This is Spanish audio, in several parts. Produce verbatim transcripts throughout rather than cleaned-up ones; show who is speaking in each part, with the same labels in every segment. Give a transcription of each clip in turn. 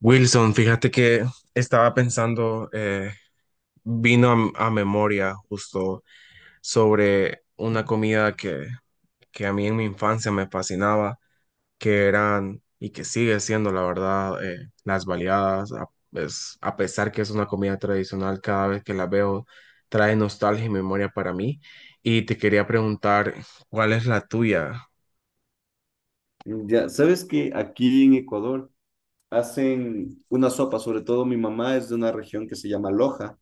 Speaker 1: Wilson, fíjate que estaba pensando, eh, vino a, m- a memoria justo sobre una comida que, que a mí en mi infancia me fascinaba, que eran y que sigue siendo, la verdad, eh, las baleadas. A, es- a pesar que es una comida tradicional, cada vez que la veo trae nostalgia y memoria para mí. Y te quería preguntar, ¿cuál es la tuya?
Speaker 2: Ya, sabes que aquí en Ecuador hacen una sopa, sobre todo mi mamá es de una región que se llama Loja,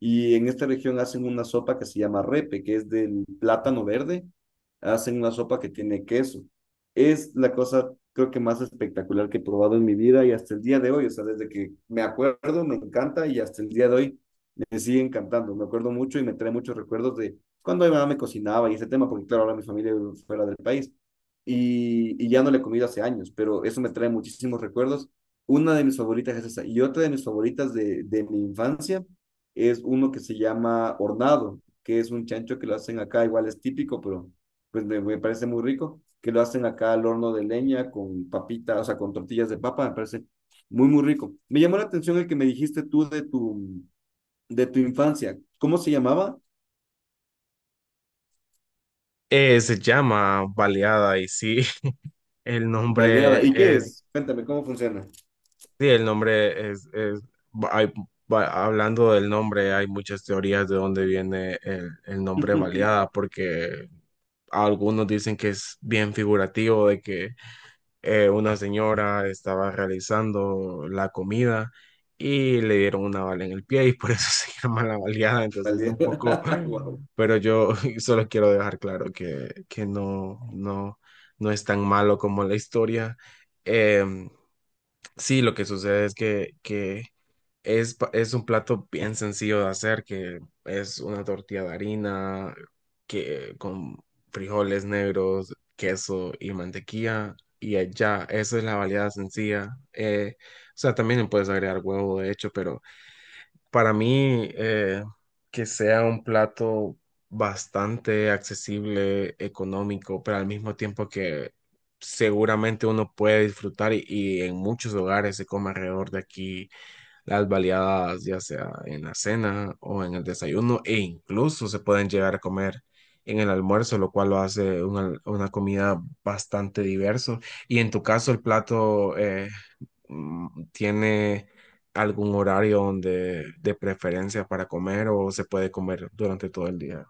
Speaker 2: y en esta región hacen una sopa que se llama repe, que es del plátano verde, hacen una sopa que tiene queso. Es la cosa, creo que más espectacular que he probado en mi vida y hasta el día de hoy, o sea, desde que me acuerdo, me encanta y hasta el día de hoy me sigue encantando, me acuerdo mucho y me trae muchos recuerdos de cuando mi mamá me cocinaba y ese tema, porque claro, ahora mi familia vive fuera del país y, y ya no le he comido hace años, pero eso me trae muchísimos recuerdos. Una de mis favoritas es esa y otra de mis favoritas de, de mi infancia es uno que se llama hornado, que es un chancho que lo hacen acá, igual es típico, pero pues me, me parece muy rico, que lo hacen acá al horno de leña con papitas, o sea, con tortillas de papa, me parece muy, muy rico. Me llamó la atención el que me dijiste tú de tu, de tu infancia, ¿cómo se llamaba?
Speaker 1: Eh, se llama baleada y sí, el
Speaker 2: Baleada.
Speaker 1: nombre
Speaker 2: ¿Y qué
Speaker 1: es
Speaker 2: es? Cuéntame, ¿cómo funciona?
Speaker 1: sí, el nombre es, es hay- va- hablando del nombre, hay muchas teorías de dónde viene el, el nombre baleada, porque algunos dicen que es bien figurativo de que eh, una señora estaba realizando la comida y le dieron una bala en el pie y por eso se llama la baleada. Entonces, un poco,
Speaker 2: Baleada. Wow.
Speaker 1: pero yo solo quiero dejar claro que, que no, no, no es tan malo como la historia. Em, Sí, lo que sucede es que, que es, pa- es un plato bien sencillo de hacer, que es una tortilla de harina que, con frijoles negros, queso y mantequilla, y ya, esa es la variedad sencilla. Eh, o sea, también le puedes agregar huevo, de hecho, pero para mí, eh, que sea un plato bastante accesible, económico, pero al mismo tiempo que seguramente uno puede disfrutar y, y en muchos hogares se come alrededor de aquí las baleadas, ya sea en la cena o en el desayuno, e incluso se pueden llegar a comer en el almuerzo, lo cual lo hace una, una comida bastante diverso. Y en tu caso, el plato eh, mm, tiene algún horario donde de preferencia para comer o se puede comer durante todo el día.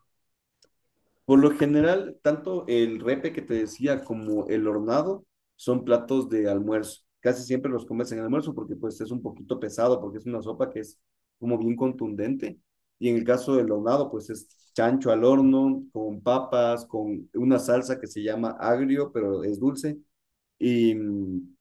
Speaker 2: Por lo general, tanto el repe que te decía como el hornado son platos de almuerzo. Casi siempre los comes en el almuerzo porque pues es un poquito pesado, porque es una sopa que es como bien contundente. Y en el caso del hornado, pues es chancho al horno, con papas, con una salsa que se llama agrio, pero es dulce. Y mm,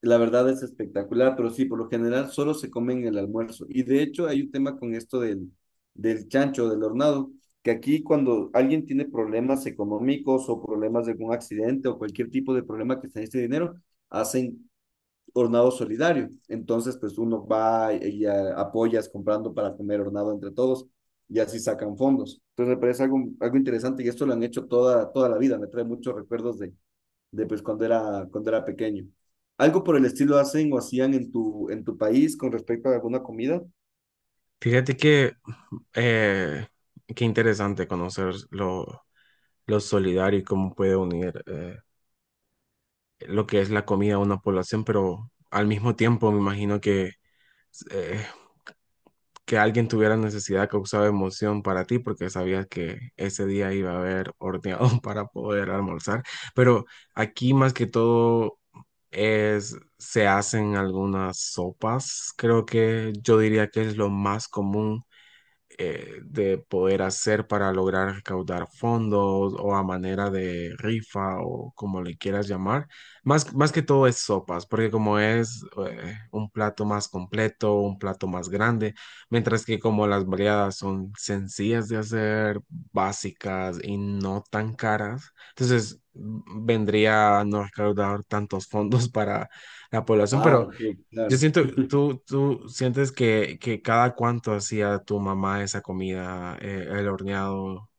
Speaker 2: La verdad es espectacular, pero sí, por lo general solo se come en el almuerzo. Y de hecho hay un tema con esto del, del chancho, del hornado, que aquí cuando alguien tiene problemas económicos o problemas de algún accidente o cualquier tipo de problema que se necesite dinero, hacen hornado solidario. Entonces, pues uno va y a- apoyas comprando para comer hornado entre todos y así sacan fondos. Entonces me parece algo, algo interesante y esto lo han hecho toda, toda la vida. Me trae muchos recuerdos de, de pues cuando era, cuando era pequeño. ¿Algo por el estilo hacen o hacían en tu, en tu país con respecto a alguna comida?
Speaker 1: Fíjate que eh, qué interesante conocer lo, lo solidario y cómo puede unir. Eh, lo que es la comida a una población, pero al mismo tiempo me imagino que eh, que alguien tuviera necesidad causaba emoción para ti porque sabías que ese día iba a haber horneado para poder almorzar. Pero aquí más que todo es, se hacen algunas sopas. Creo que yo diría que es lo más común eh, de poder hacer para lograr recaudar fondos o a manera de rifa o como le quieras llamar. Más, más que todo es sopas, porque como es eh, un plato más completo, un plato más grande, mientras que como las variadas son sencillas de hacer, básicas y no tan caras, entonces vendría a no recaudar tantos fondos para la población,
Speaker 2: Ah,
Speaker 1: pero...
Speaker 2: ok,
Speaker 1: Yo
Speaker 2: claro.
Speaker 1: siento, tú, tú sientes que, que cada cuánto hacía tu mamá esa comida, eh, el horneado,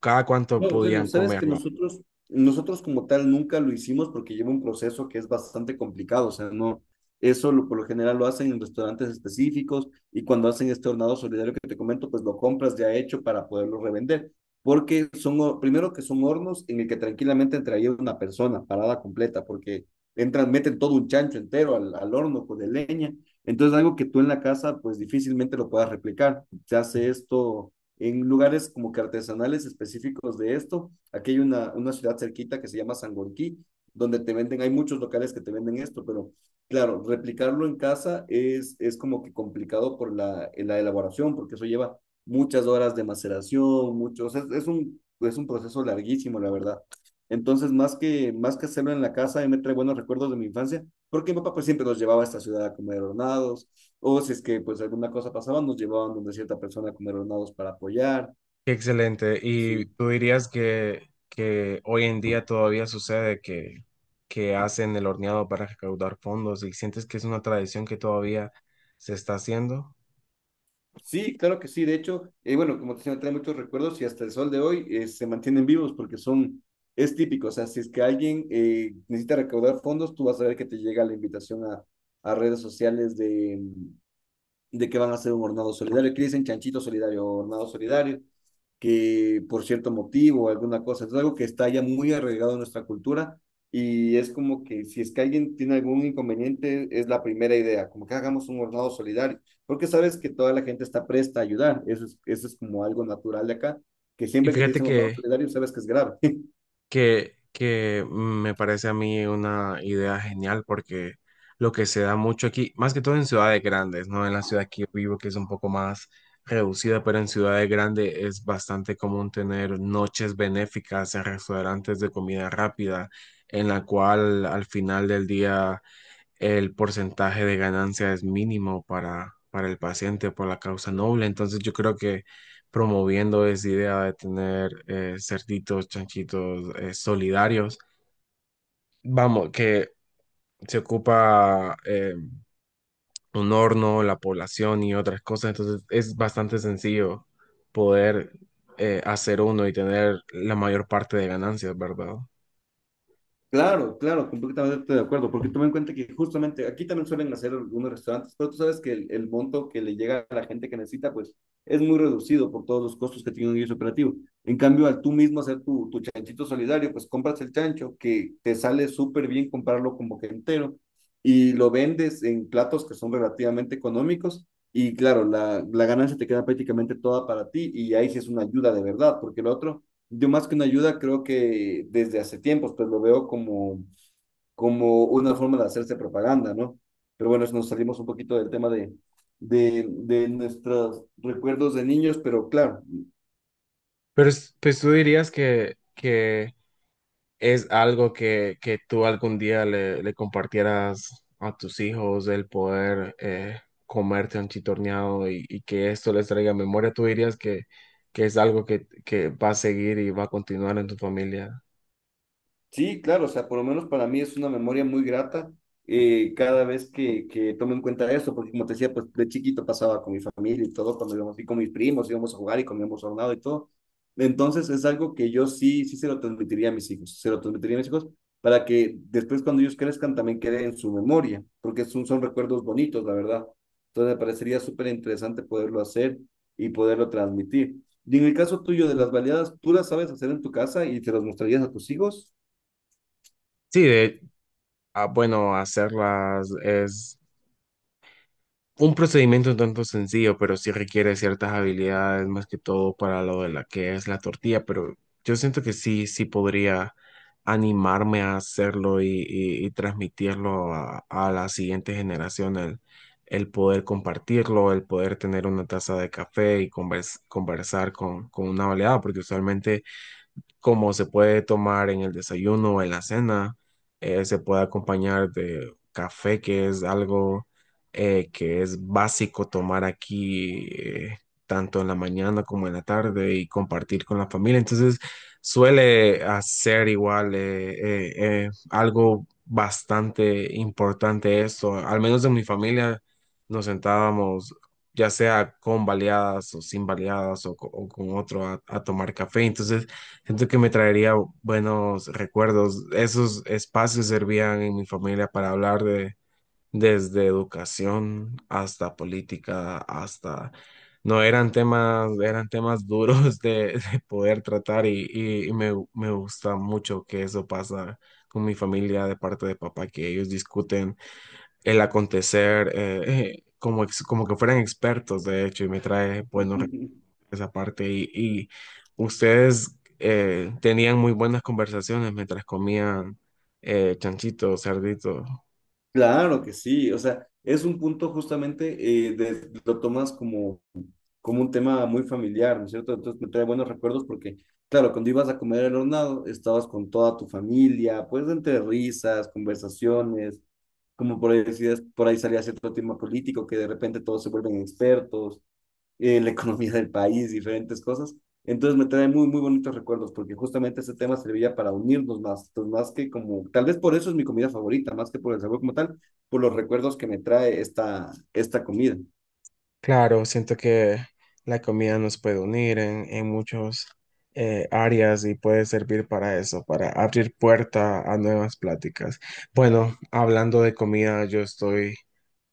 Speaker 1: cada cuánto
Speaker 2: No, bueno,
Speaker 1: podían
Speaker 2: sabes que
Speaker 1: comerla.
Speaker 2: nosotros, nosotros como tal nunca lo hicimos porque lleva un proceso que es bastante complicado, o sea, no, eso lo- por lo general lo hacen en restaurantes específicos y cuando hacen este hornado solidario que te comento, pues lo compras ya hecho para poderlo revender, porque son, hor- primero que son hornos en el que tranquilamente entraría una persona parada completa, porque entran, meten todo un chancho entero al, al horno con de leña, entonces algo que tú en la casa pues difícilmente lo puedas replicar, se hace esto en lugares como que artesanales específicos de esto. Aquí hay una, una ciudad cerquita que se llama Sangolquí, donde te venden, hay muchos locales que te venden esto, pero claro, replicarlo en casa es, es como que complicado por la, la elaboración, porque eso lleva muchas horas de maceración, muchos, es, es, un, es un proceso larguísimo, la verdad. Entonces, más que, más que hacerlo en la casa, me trae buenos recuerdos de mi infancia, porque mi papá pues, siempre nos llevaba a esta ciudad a comer hornados, o si es que pues alguna cosa pasaba, nos llevaban donde cierta persona a comer hornados para apoyar.
Speaker 1: Qué excelente. ¿Y
Speaker 2: Sí,
Speaker 1: tú dirías que, que hoy en día todavía sucede que, que hacen el horneado para recaudar fondos y sientes que es una tradición que todavía se está haciendo?
Speaker 2: sí, claro que sí. De hecho, eh, bueno, como te decía, me trae muchos recuerdos y hasta el sol de hoy eh, se mantienen vivos porque son, es típico. O sea, si es que alguien eh, necesita recaudar fondos, tú vas a ver que te llega la invitación a, a redes sociales de, de que van a hacer un hornado solidario, que dicen chanchito solidario o hornado solidario, que por cierto motivo alguna cosa, es algo que está ya muy arraigado en nuestra cultura y es como que si es que alguien tiene algún inconveniente, es la primera idea, como que hagamos un hornado solidario, porque sabes que toda la gente está presta a ayudar, eso es, eso es como algo natural de acá, que
Speaker 1: Y
Speaker 2: siempre que te
Speaker 1: fíjate
Speaker 2: dicen hornado
Speaker 1: que
Speaker 2: solidario sabes que es grave.
Speaker 1: que, que me parece a mí una idea genial porque lo que se da mucho aquí, más que todo en ciudades grandes, ¿no? En la ciudad que yo vivo, que es un poco más reducida, pero en ciudades grandes es bastante común tener noches benéficas en restaurantes de comida rápida, en la cual al final del día el porcentaje de ganancia es mínimo para, para el paciente por la causa noble. Entonces yo creo que promoviendo esa idea de tener eh, cerditos, chanchitos eh, solidarios, vamos, que se ocupa eh, un horno, la población y otras cosas, entonces es bastante sencillo poder eh, hacer uno y tener la mayor parte de ganancias, ¿verdad?
Speaker 2: Claro, claro, completamente de acuerdo, porque toma en cuenta que justamente aquí también suelen hacer algunos restaurantes, pero tú sabes que el, el monto que le llega a la gente que necesita, pues es muy reducido por todos los costos que tiene un guiso operativo. En cambio, al tú mismo hacer tu, tu chanchito solidario, pues compras el chancho que te sale súper bien comprarlo como que entero y lo vendes en platos que son relativamente económicos y claro, la, la ganancia te queda prácticamente toda para ti y ahí sí es una ayuda de verdad, porque el otro yo más que una ayuda creo que desde hace tiempos, pues lo veo como, como una forma de hacerse propaganda, ¿no? Pero bueno, nos salimos un poquito del tema de, de, de nuestros recuerdos de niños, pero claro,
Speaker 1: Pero es- pues tú dirías que, que es algo que, que tú algún día le, le compartieras a tus hijos, el poder eh, comerte un chitorneado y, y que esto les traiga memoria, ¿tú dirías que, que es algo que, que va a seguir y va a continuar en tu familia?
Speaker 2: sí, claro, o sea, por lo menos para mí es una memoria muy grata eh, cada vez que, que tomo en cuenta eso, porque como te decía, pues de chiquito pasaba con mi familia y todo, cuando íbamos y con mis primos, íbamos a jugar y comíamos hornado y todo. Entonces es algo que yo sí, sí se lo transmitiría a mis hijos, se lo transmitiría a mis hijos para que después cuando ellos crezcan también quede en su memoria, porque son, son recuerdos bonitos, la verdad. Entonces me parecería súper interesante poderlo hacer y poderlo transmitir. Y en el caso tuyo de las baleadas, ¿tú las sabes hacer en tu casa y te las mostrarías a tus hijos?
Speaker 1: Sí, de, ah, bueno, hacerlas es un procedimiento un tanto sencillo, pero sí requiere ciertas habilidades, más que todo para lo de la que es la tortilla, pero yo siento que sí, sí podría animarme a hacerlo y, y- y transmitirlo a, a la siguiente generación, el, el poder compartirlo, el poder tener una taza de café y convers- conversar con, con una baleada, porque usualmente como se puede tomar en el desayuno o en la cena, eh, se puede acompañar de café, que es algo eh, que es básico tomar aquí, eh, tanto en la mañana como en la tarde y compartir con la familia. Entonces, suele hacer igual eh, eh, eh, algo bastante importante esto, al menos en mi familia nos sentábamos ya sea con baleadas o sin baleadas o, co- o con otro a, a tomar café. Entonces, siento que me traería buenos recuerdos. Esos espacios servían en mi familia para hablar de desde educación hasta política, hasta no eran temas, eran temas duros de, de poder tratar y, y- y me, me gusta mucho que eso pasa con mi familia de parte de papá, que ellos discuten el acontecer eh, eh, como, ex- como que fueran expertos, de hecho, y me trae buenos esa parte y, y ustedes eh, tenían muy buenas conversaciones mientras comían eh, chanchito, cerdito.
Speaker 2: Claro que sí, o sea, es un punto justamente, eh, de- lo tomas como, como un tema muy familiar, ¿no es cierto? Entonces me trae buenos recuerdos porque, claro, cuando ibas a comer el hornado, estabas con toda tu familia, pues entre risas, conversaciones, como por ahí decías, por ahí salía cierto tema político que de repente todos se vuelven expertos, eh, la economía del país, diferentes cosas. Entonces me trae muy, muy bonitos recuerdos, porque justamente este tema servía para unirnos más, entonces más que como, tal vez por eso es mi comida favorita, más que por el sabor como tal, por los recuerdos que me trae esta, esta comida.
Speaker 1: Claro, siento que la comida nos puede unir en, en muchos eh, áreas y puede servir para eso, para abrir puerta a nuevas pláticas. Bueno, hablando de comida, yo estoy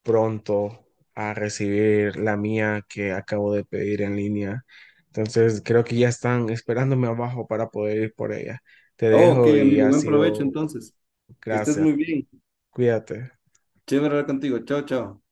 Speaker 1: pronto a recibir la mía que acabo de pedir en línea. Entonces creo que ya están esperándome abajo para poder ir por ella. Te
Speaker 2: Oh, ok,
Speaker 1: dejo y
Speaker 2: amigo,
Speaker 1: ha
Speaker 2: buen provecho
Speaker 1: sido
Speaker 2: entonces. Que estés
Speaker 1: gracias.
Speaker 2: muy bien.
Speaker 1: Cuídate.
Speaker 2: Chévere hablar contigo. Chao, chao.